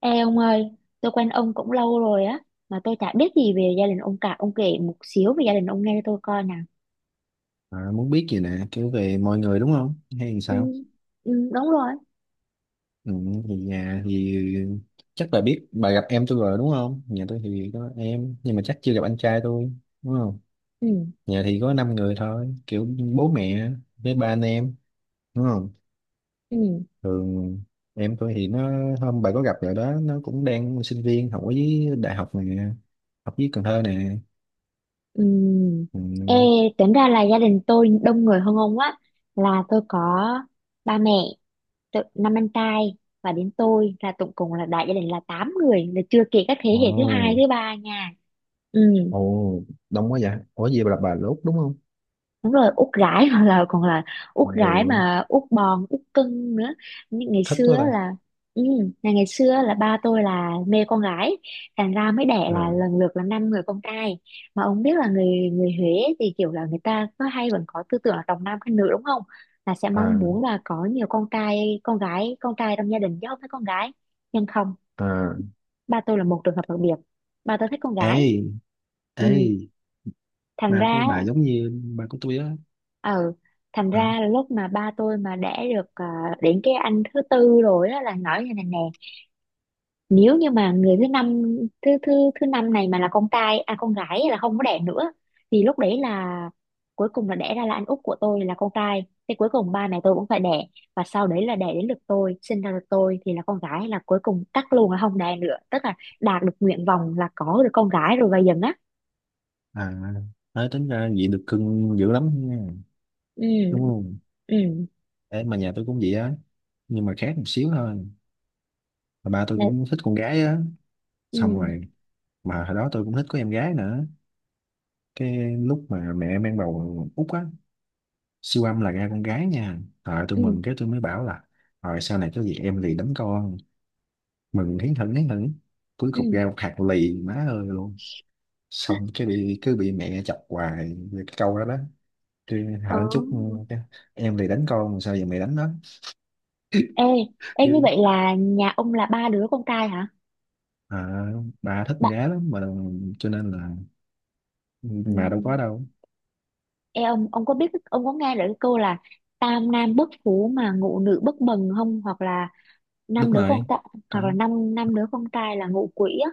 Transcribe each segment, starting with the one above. Ê ông ơi, tôi quen ông cũng lâu rồi á, mà tôi chả biết gì về gia đình ông cả. Ông kể một xíu về gia đình ông nghe cho tôi coi nào. À, muốn biết gì nè, kiểu về mọi người đúng không, hay làm Ừ, sao. Đúng rồi. Ừ, thì nhà thì chắc bà biết, bà gặp em tôi rồi đúng không. Nhà tôi thì có em nhưng mà chắc chưa gặp anh trai tôi đúng không. Ừ, Nhà thì có 5 người thôi, kiểu bố mẹ với ba anh em đúng không. ừ, Thường em tôi thì nó, hôm bà có gặp rồi đó, nó cũng đang sinh viên học ở dưới đại học nè, học dưới Cần Thơ nè. ừ. Ừ. Ê, tính ra là gia đình tôi đông người hơn ông á. Là tôi có ba mẹ, năm anh trai và đến tôi là tổng cộng là đại gia đình là 8 người. Là chưa kể các thế hệ thứ hai, ồ thứ ba nha. Ừ. ồ đông quá vậy. Ủa gì, bà là bà lốt đúng không. Đúng rồi, út gái hoặc là còn là út gái Rồi, mà út bòn út cưng nữa, như ngày thích xưa quá á ta. là, ừ, ngày ngày xưa á là ba tôi là mê con gái, thành ra mới đẻ là à lần lượt là năm người con trai. Mà ông biết là người người Huế thì kiểu là người ta có hay vẫn có tư tưởng là trọng nam khinh nữ đúng không, là sẽ mong à muốn là có nhiều con trai, con gái con trai trong gia đình chứ không phải con gái. Nhưng không, à ba tôi là một trường hợp đặc biệt, ba tôi thích con gái. ê ê Ừ, thành ba của ra, bà giống như ba của tôi á. ừ, thành À, ra là lúc mà ba tôi mà đẻ được đến cái anh thứ tư rồi đó là nói như này nè, nếu như mà người thứ năm, thứ thứ thứ năm này mà là con trai à con gái là không có đẻ nữa, thì lúc đấy là cuối cùng là đẻ ra là anh út của tôi là con trai thì cuối cùng ba mẹ tôi cũng phải đẻ, và sau đấy là đẻ đến lượt tôi sinh ra được, tôi thì là con gái là cuối cùng cắt luôn là không đẻ nữa, tức là đạt được nguyện vọng là có được con gái rồi và dần á. à, nói tính ra vậy được cưng dữ lắm nha, đúng Ừ, không. ừ, Ê, mà nhà tôi cũng vậy á, nhưng mà khác một xíu thôi. Mà ba tôi ừ, cũng thích con gái á, ừ, xong rồi mà hồi đó tôi cũng thích có em gái nữa. Cái lúc mà mẹ mang bầu út á, siêu âm là ra con gái nha, rồi tôi ừ, mừng, cái tôi mới bảo là rồi sau này có gì em lì đấm con, mừng hiến thỉnh hiến thỉnh. Cuối cùng ừ. ra một hạt lì má ơi luôn. Xong cái bị, cứ bị mẹ chọc hoài về cái câu đó đó. Chứ hả, Ờ. đánh chút cái, em thì đánh con sao giờ mày đánh nó. Ê, ê như Cứ vậy là nhà ông là ba đứa con trai hả? à, bà thích con Ba... gái lắm mà cho nên là mà đâu có ừm, đâu. Ê ông có biết, ông có nghe được cái câu là tam nam bất phú mà ngũ nữ bất bần không? Hoặc là Đúng năm đứa con rồi, trai, hoặc có. là năm năm đứa con trai là ngũ quỷ á.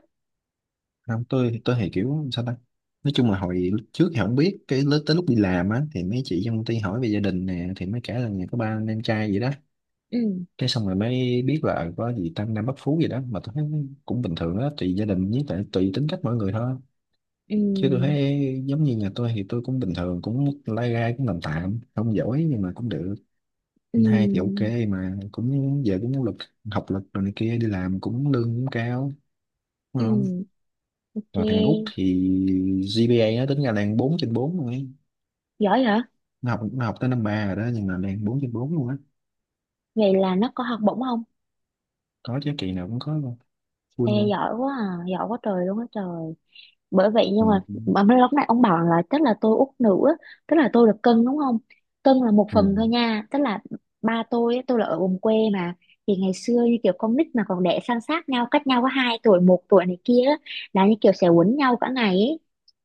Không, tôi thì kiểu sao ta, nói chung là hồi lúc trước thì không biết, cái tới lúc đi làm á thì mấy chị trong công ty hỏi về gia đình nè, thì mấy kể là nhà có ba anh em trai gì đó. Ừ, Cái xong rồi mới biết là có gì tam nam bất phú gì đó, mà tôi thấy cũng bình thường đó, tùy gia đình với tại tùy tính cách mỗi người thôi. ừ, Chứ tôi thấy giống như nhà tôi thì tôi cũng bình thường, cũng mức lai rai, cũng tạm tạm, không giỏi nhưng mà cũng được. ừ, Anh hai thì ok, mà cũng giờ cũng học lực rồi này kia, đi làm cũng lương cũng cao đúng không. ừ, ok. Rồi thằng Út thì GPA nó tính ra đang 4/4 luôn ấy. Giỏi hả? Nó học tới năm ba rồi đó, nhưng mà đang 4/4 luôn á. Vậy là nó có học bổng không? Có chứ, kỳ nào cũng có luôn, Ê, full luôn. giỏi quá à, giỏi quá trời luôn á trời. Bởi vậy, Ừ. nhưng mà mấy lúc này ông bảo là tức là tôi út nữ á, tức là tôi được cân đúng không, cân là một Ừ. phần thôi nha, tức là ba tôi á, tôi là ở vùng quê mà, thì ngày xưa như kiểu con nít mà còn đẻ san sát nhau cách nhau có hai tuổi một tuổi này kia á, là như kiểu sẽ quấn nhau cả ngày ấy.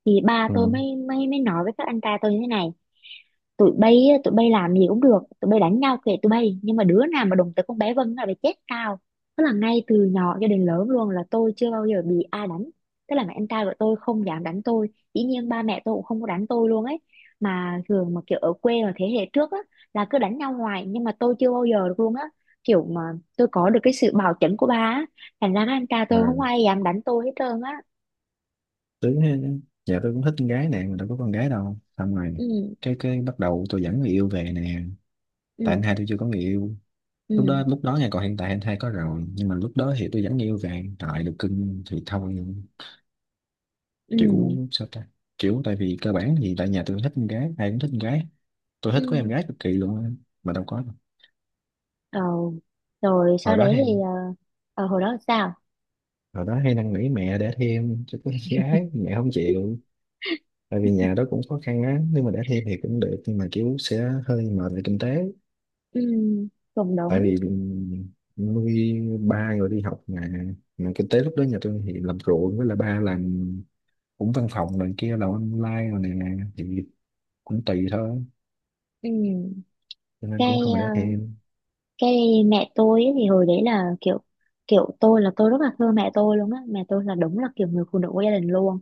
Thì ba Ừ. tôi mới mới mới nói với các anh trai tôi như thế này: tụi bay á, tụi bay làm gì cũng được, tụi bay đánh nhau kệ tụi bay, nhưng mà đứa nào mà đụng tới con bé Vân là phải chết tao. Tức là ngay từ nhỏ cho đến lớn luôn là tôi chưa bao giờ bị ai đánh, tức là mẹ anh trai của tôi không dám đánh tôi, dĩ nhiên ba mẹ tôi cũng không có đánh tôi luôn ấy. Mà thường mà kiểu ở quê mà thế hệ trước á là cứ đánh nhau hoài, nhưng mà tôi chưa bao giờ được luôn á, kiểu mà tôi có được cái sự bảo chẩn của ba á, thành ra các anh trai tôi không Ừ. ai dám đánh tôi hết trơn á. Tính ha. Dạ, tôi cũng thích con gái nè mà đâu có con gái đâu. Xong rồi Ừ, cái, bắt đầu tôi dẫn người yêu về nè, ừ, tại anh hai tôi chưa có người yêu. lúc đó ừ, lúc đó nha, còn hiện tại anh hai có rồi, nhưng mà lúc đó thì tôi vẫn yêu và hiện tại được cưng thì thôi. ừ, Kiểu sao ta, kiểu tại vì cơ bản thì tại nhà tôi thích con gái, ai cũng thích con gái. Tôi ừ, thích có em ừ. gái cực kỳ luôn á, mà đâu có đâu. Ờ, rồi sau hồi đó đấy thì hay ờ, hồi đó sao? hồi đó hay năn nỉ mẹ để thêm cho có em gái, mẹ không chịu, tại vì nhà đó cũng khó khăn á. Nếu mà để thêm thì cũng được nhưng mà kiểu sẽ hơi mệt về kinh tế, Ừ, cũng tại đúng. vì nuôi ba người đi học mà. Mà kinh tế lúc đó nhà tôi thì làm ruộng, với là ba làm cũng văn phòng này kia, là online rồi nè, thì cũng tùy thôi, Ừ. cho nên Cái cũng không phải để ờ, thêm. cái Mẹ tôi ấy, thì hồi đấy là kiểu, kiểu tôi là tôi rất là thương mẹ tôi luôn á. Mẹ tôi là đúng là kiểu người phụ nữ của gia đình luôn.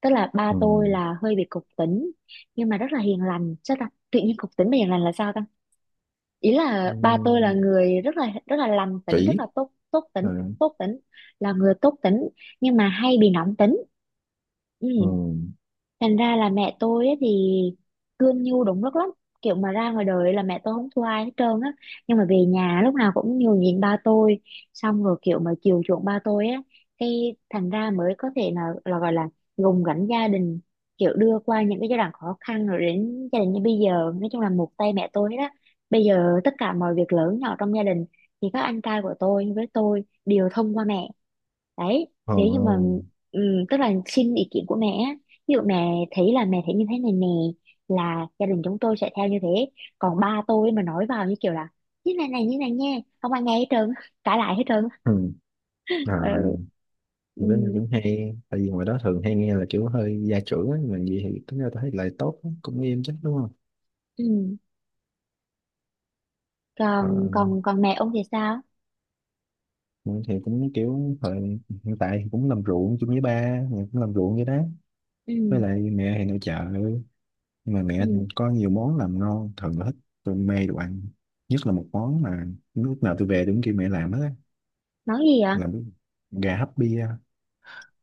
Tức là ba tôi Ừ. là hơi bị cục tính nhưng mà rất là hiền lành. Chắc là tự nhiên cục tính mà hiền lành là sao ta? Ý là ba tôi là Ừ. người rất là lành tính, rất Kỹ. là tốt tốt Ừ. tính, tốt tính, là người tốt tính nhưng mà hay bị nóng tính. Ừ. Ừ. Thành ra là mẹ tôi á thì cương nhu đúng lúc lắm, kiểu mà ra ngoài đời là mẹ tôi không thua ai hết trơn á, nhưng mà về nhà lúc nào cũng nhường nhịn ba tôi, xong rồi kiểu mà chiều chuộng ba tôi á, cái thành ra mới có thể là gọi là gồng gánh gia đình, kiểu đưa qua những cái giai đoạn khó khăn rồi đến gia đình như bây giờ, nói chung là một tay mẹ tôi đó. Bây giờ tất cả mọi việc lớn nhỏ trong gia đình thì các anh trai của tôi với tôi đều thông qua mẹ. Đấy, nếu như mà Ừ. ừm, tức là xin ý kiến của mẹ, á. Ví dụ mẹ thấy là mẹ thấy như thế này nè, là gia đình chúng tôi sẽ theo như thế. Còn ba tôi mà nói vào như kiểu là như này này như này nha, không ai nghe hết trơn, cãi lại hết trơn. Ừ. À, Ừ, kiểu đó ừm, cũng hay, tại vì ngoài đó thường hay nghe là kiểu hơi gia trưởng á, mà gì thì tính ra tôi thấy lại tốt á, cũng nghiêm chắc đúng không. ừm. Ờ, Còn còn còn mẹ ông thì sao? mình thì cũng kiểu thời hiện tại thì cũng làm ruộng chung với ba, mình cũng làm ruộng vậy đó. Với Ừ, lại mẹ thì nội trợ, nhưng mà mẹ ừ. có nhiều món làm ngon, thường là thích. Tôi mê đồ ăn, nhất là một món mà lúc nào tôi về đúng kêu mẹ làm hết á, Nói gì ạ? làm cái gà hấp bia.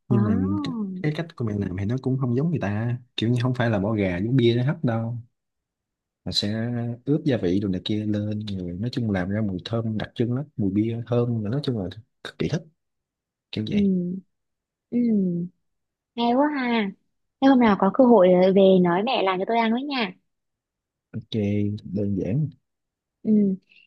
Ồ, Nhưng mà cái, cái cách của mẹ làm thì nó cũng không giống người ta, kiểu như không phải là bỏ gà giống bia nó hấp đâu, mà sẽ ướp gia vị đồ này kia lên, rồi nói chung làm ra mùi thơm đặc trưng lắm, mùi bia thơm, nói chung là cực kỳ thích, kiểu vậy. ừ, ừ. Hay quá ha. Thế hôm nào có cơ hội về nói mẹ làm cho tôi ăn với nha. Ok, đơn giản. Ừ.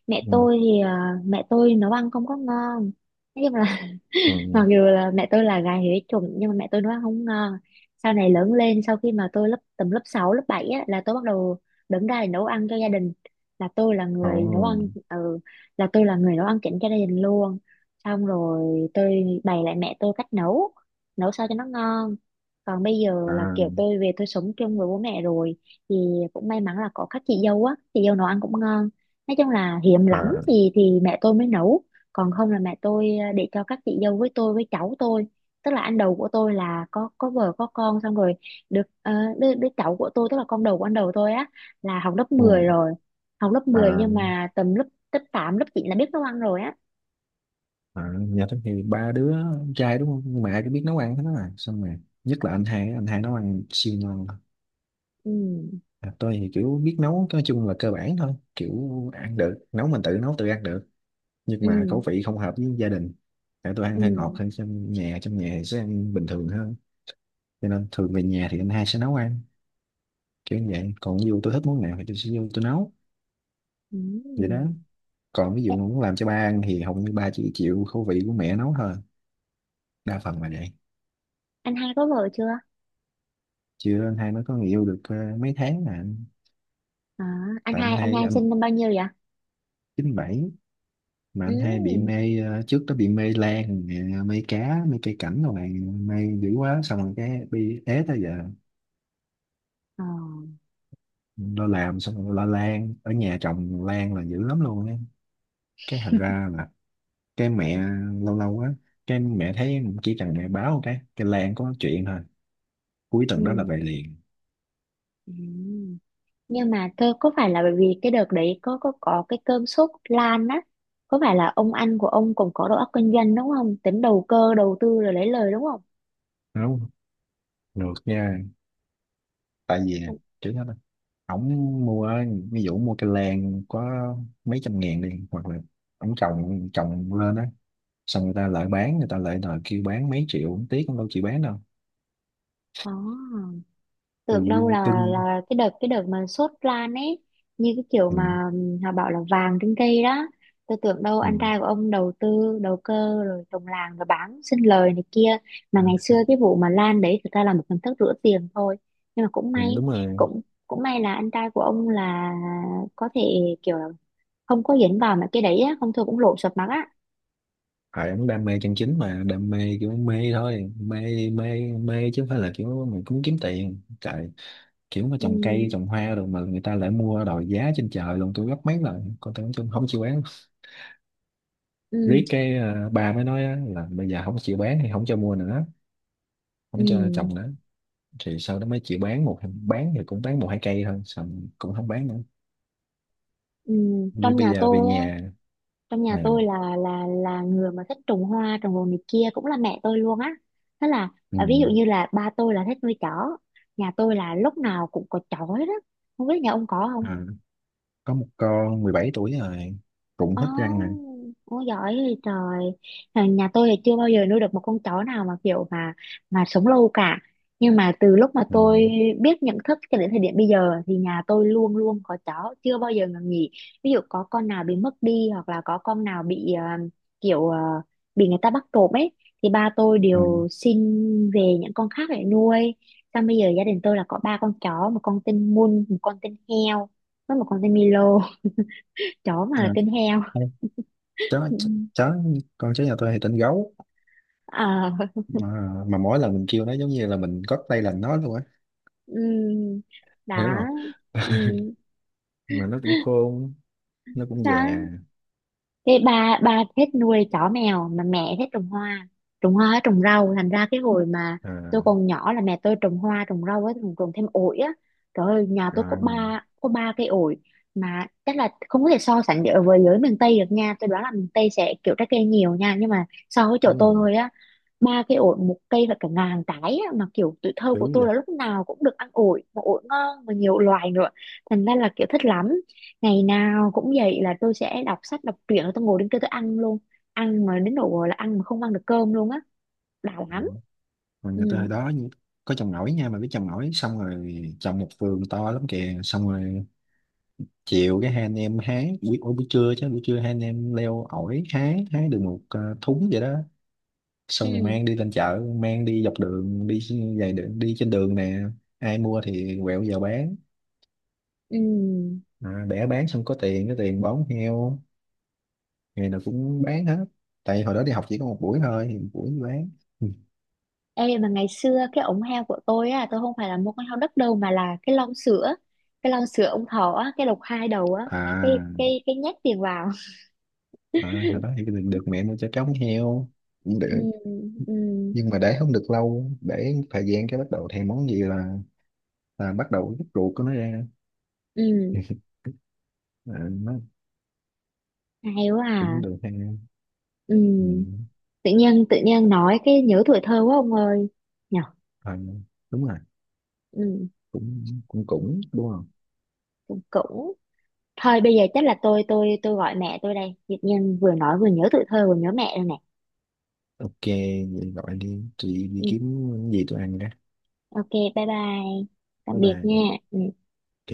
Mẹ Ừ. tôi thì mẹ tôi nấu ăn không có ngon. Nói chung là Ừ. mặc dù là mẹ tôi là gà huế chủng nhưng mà mẹ tôi nấu ăn không ngon. Sau này lớn lên sau khi mà tôi lớp tầm lớp 6 lớp 7 á, là tôi bắt đầu đứng ra để nấu ăn cho gia đình, là tôi là Ờ, người nấu ăn, ừ, là tôi là người nấu ăn chỉnh cho gia đình luôn, xong rồi tôi bày lại mẹ tôi cách nấu, nấu sao cho nó ngon. Còn bây giờ là à, kiểu tôi về tôi sống chung với bố mẹ rồi, thì cũng may mắn là có các chị dâu á, chị dâu nấu ăn cũng ngon, nói chung là hiếm lắm à, thì mẹ tôi mới nấu, còn không là mẹ tôi để cho các chị dâu với tôi với cháu tôi, tức là anh đầu của tôi là có vợ có con xong rồi, được đứa cháu của tôi tức là con đầu của anh đầu tôi á là học lớp ừ, mười rồi, học lớp mười à, nhưng mà tầm lớp lớp 8, lớp chín là biết nấu ăn rồi á. à, nhà thích thì ba đứa trai đúng không, mẹ mà biết nấu ăn hết á. Xong rồi nhất là anh hai, anh hai nấu ăn siêu ngon. Ừ, À, tôi thì kiểu biết nấu, nói chung là cơ bản thôi, kiểu ăn được, nấu mình tự nấu tự ăn được, nhưng mà ừ, khẩu vị không hợp với gia đình. Tại tôi ăn ừ, hơi ngọt hơn, trong nhà thì sẽ ăn bình thường hơn, cho nên thường về nhà thì anh hai sẽ nấu ăn, kiểu như vậy. Còn ví dụ tôi thích món nào thì tôi sẽ vô tôi nấu, ừ. vậy đó. Còn ví Ê, dụ muốn làm cho ba ăn thì hầu như ba chỉ chịu khẩu vị của mẹ nấu thôi, đa phần là vậy. anh hai có vợ chưa? Chưa, anh hai mới có người yêu được mấy tháng mà anh, À, tại anh anh hai hai anh, sinh năm bao nhiêu vậy? 97. Mà Ừ. anh hai bị mê, trước đó bị mê lan nè, mê cá, mê cây cảnh rồi này, mê dữ quá, xong rồi cái bị ế tới giờ. Ờ. Lo làm xong rồi lo lan ở nhà, trồng lan là dữ lắm luôn á. Cái thành ra là cái mẹ, lâu lâu á, cái mẹ thấy chỉ cần mẹ báo cái lan có chuyện thôi, cuối tuần đó là Ừ. về liền. Ừ. Nhưng mà tôi có phải là bởi vì cái đợt đấy có cái cơn sốt lan á, có phải là ông anh của ông cũng có đầu óc kinh doanh đúng không, tính đầu cơ đầu tư rồi lấy lời đúng không? Đúng không? Ngược nha, tại vì Không kiểu đó ổng mua, ví dụ mua cây lan có mấy trăm ngàn đi, hoặc là ổng trồng, lên á, xong người ta lại bán, người ta lại đòi kêu bán mấy triệu, ổng tiếc, ổng đâu chịu bán đâu, có, tại tưởng vì đâu cưng. là cái đợt mà sốt lan ấy, như cái kiểu Ừ, mà họ bảo là vàng trên cây đó, tôi tưởng đâu anh ừ, trai của ông đầu tư đầu cơ rồi trồng làng rồi bán sinh lời này kia, mà ngày xưa cái vụ mà lan đấy thực ra là một hình thức rửa tiền thôi, nhưng mà cũng ừ, may, đúng rồi. cũng cũng may là anh trai của ông là có thể kiểu là không có dính vào mấy cái đấy á, không thôi cũng lộ sọt mặt á. Phải, ổng đam mê chân chính, mà đam mê kiểu mê thôi, mê mê mê, chứ không phải là kiểu mình cũng kiếm tiền trời. Kiểu mà Ừ, trồng cây trồng hoa rồi mà người ta lại mua đòi giá trên trời luôn, tôi gấp mấy lần, còn tôi không, không chịu bán. ừ, Riết cái bà mới nói á, là bây giờ không chịu bán thì không cho mua nữa, ừ, không cho trồng nữa. Thì sau đó mới chịu bán một, bán thì cũng bán một hai cây thôi, xong cũng không bán nữa, ừ. như trong bây nhà giờ về tôi nhà. Trong nhà À, tôi là người mà thích trồng hoa trồng đồ này kia cũng là mẹ tôi luôn á, thế là ừ, à, ví dụ như là ba tôi là thích nuôi chó, nhà tôi là lúc nào cũng có chó hết á, không biết nhà ông có không. à, có một con 17 tuổi rồi, cũng Ồ, hết răng nè. oh, giỏi thì trời. Nhà nhà tôi thì chưa bao giờ nuôi được một con chó nào mà kiểu mà sống lâu cả. Nhưng mà từ lúc mà Ừ, tôi biết nhận thức cho đến thời điểm bây giờ thì nhà tôi luôn luôn có chó, chưa bao giờ ngừng nghỉ. Ví dụ có con nào bị mất đi hoặc là có con nào bị kiểu bị người ta bắt trộm ấy, thì ba tôi ừ. đều xin về những con khác để nuôi. Xong bây giờ gia đình tôi là có ba con chó, một con tên Mun, một con tên heo, với một con tên Milo, chó À, mà tên heo. ê, Ừ. Chó, con chó nhà tôi thì tên gấu. Ờ, mà, mà mỗi lần mình kêu nó giống như là mình gót tay làm nó luôn á, ừm, hiểu đó, không. ừm, Mà nó cũng khôn, nó cũng đó. già. Thế ba ba thích nuôi chó mèo mà mẹ thích trồng hoa, trồng hoa với trồng rau, thành ra cái hồi mà À, tôi còn nhỏ là mẹ tôi trồng hoa trồng rau với trồng thêm ổi á. Trời ơi nhà tôi có à, ba cây ổi, mà chắc là không có thể so sánh được với miền Tây được nha, tôi đoán là miền Tây sẽ kiểu trái cây nhiều nha, nhưng mà so với chỗ đúng rồi. tôi thôi á, ba cái ổi một cây và cả ngàn cái á, mà kiểu tuổi thơ của Đúng tôi vậy. là lúc nào cũng được ăn ổi, mà ổi ngon mà nhiều loài nữa, thành ra là kiểu thích lắm, ngày nào cũng vậy là tôi sẽ đọc sách đọc truyện rồi tôi ngồi đến kia tôi ăn luôn, ăn mà đến độ là ăn mà không ăn được cơm luôn á, đã lắm. Mà người ta Ừ, hồi đó như- có trồng ổi nha, mà biết trồng ổi, xong rồi trồng một vườn to lắm kìa. Xong rồi chiều cái hai anh em hái, buổi, ủa, buổi trưa chứ, buổi trưa hai anh em leo ổi hái, hái được một thúng vậy đó. Xong rồi ừ, mang đi lên chợ, mang đi dọc đường đi, dài đường đi trên đường nè, ai mua thì quẹo vào bán, ừ. à, để bán xong có tiền, cái tiền bón heo. Ngày nào cũng bán hết, tại hồi đó đi học chỉ có một buổi thôi, thì một buổi bán. Ừ. Ê mà ngày xưa cái ống heo của tôi á, tôi không phải là một con heo đất đâu mà là cái lon sữa, cái lon sữa ông thọ á, cái lộc hai đầu á, À, cái nhét tiền vào. à, hồi đó thì được, mẹ mua cho trống heo cũng Ừ, được, ừ, nhưng mà để không được lâu, để thời gian cái bắt đầu thèm món gì là bắt đầu rút ruột của nó ra. ừ. À, nó Hay quá cũng à. được ha. Ừ. Ừ. Tự nhiên nói cái nhớ tuổi thơ quá ông ơi. Nhở. Thôi, đúng rồi, Ừ. cũng cũng cũng đúng không. Cũng thôi bây giờ chắc là tôi gọi mẹ tôi đây. Tự nhiên vừa nói vừa nhớ tuổi thơ vừa nhớ mẹ rồi nè. Ok, vậy gọi đi, chị đi Ừ. kiếm gì tôi ăn đó. Ok, bye bye. Bye Tạm biệt nha. bye. Ừ. Ok.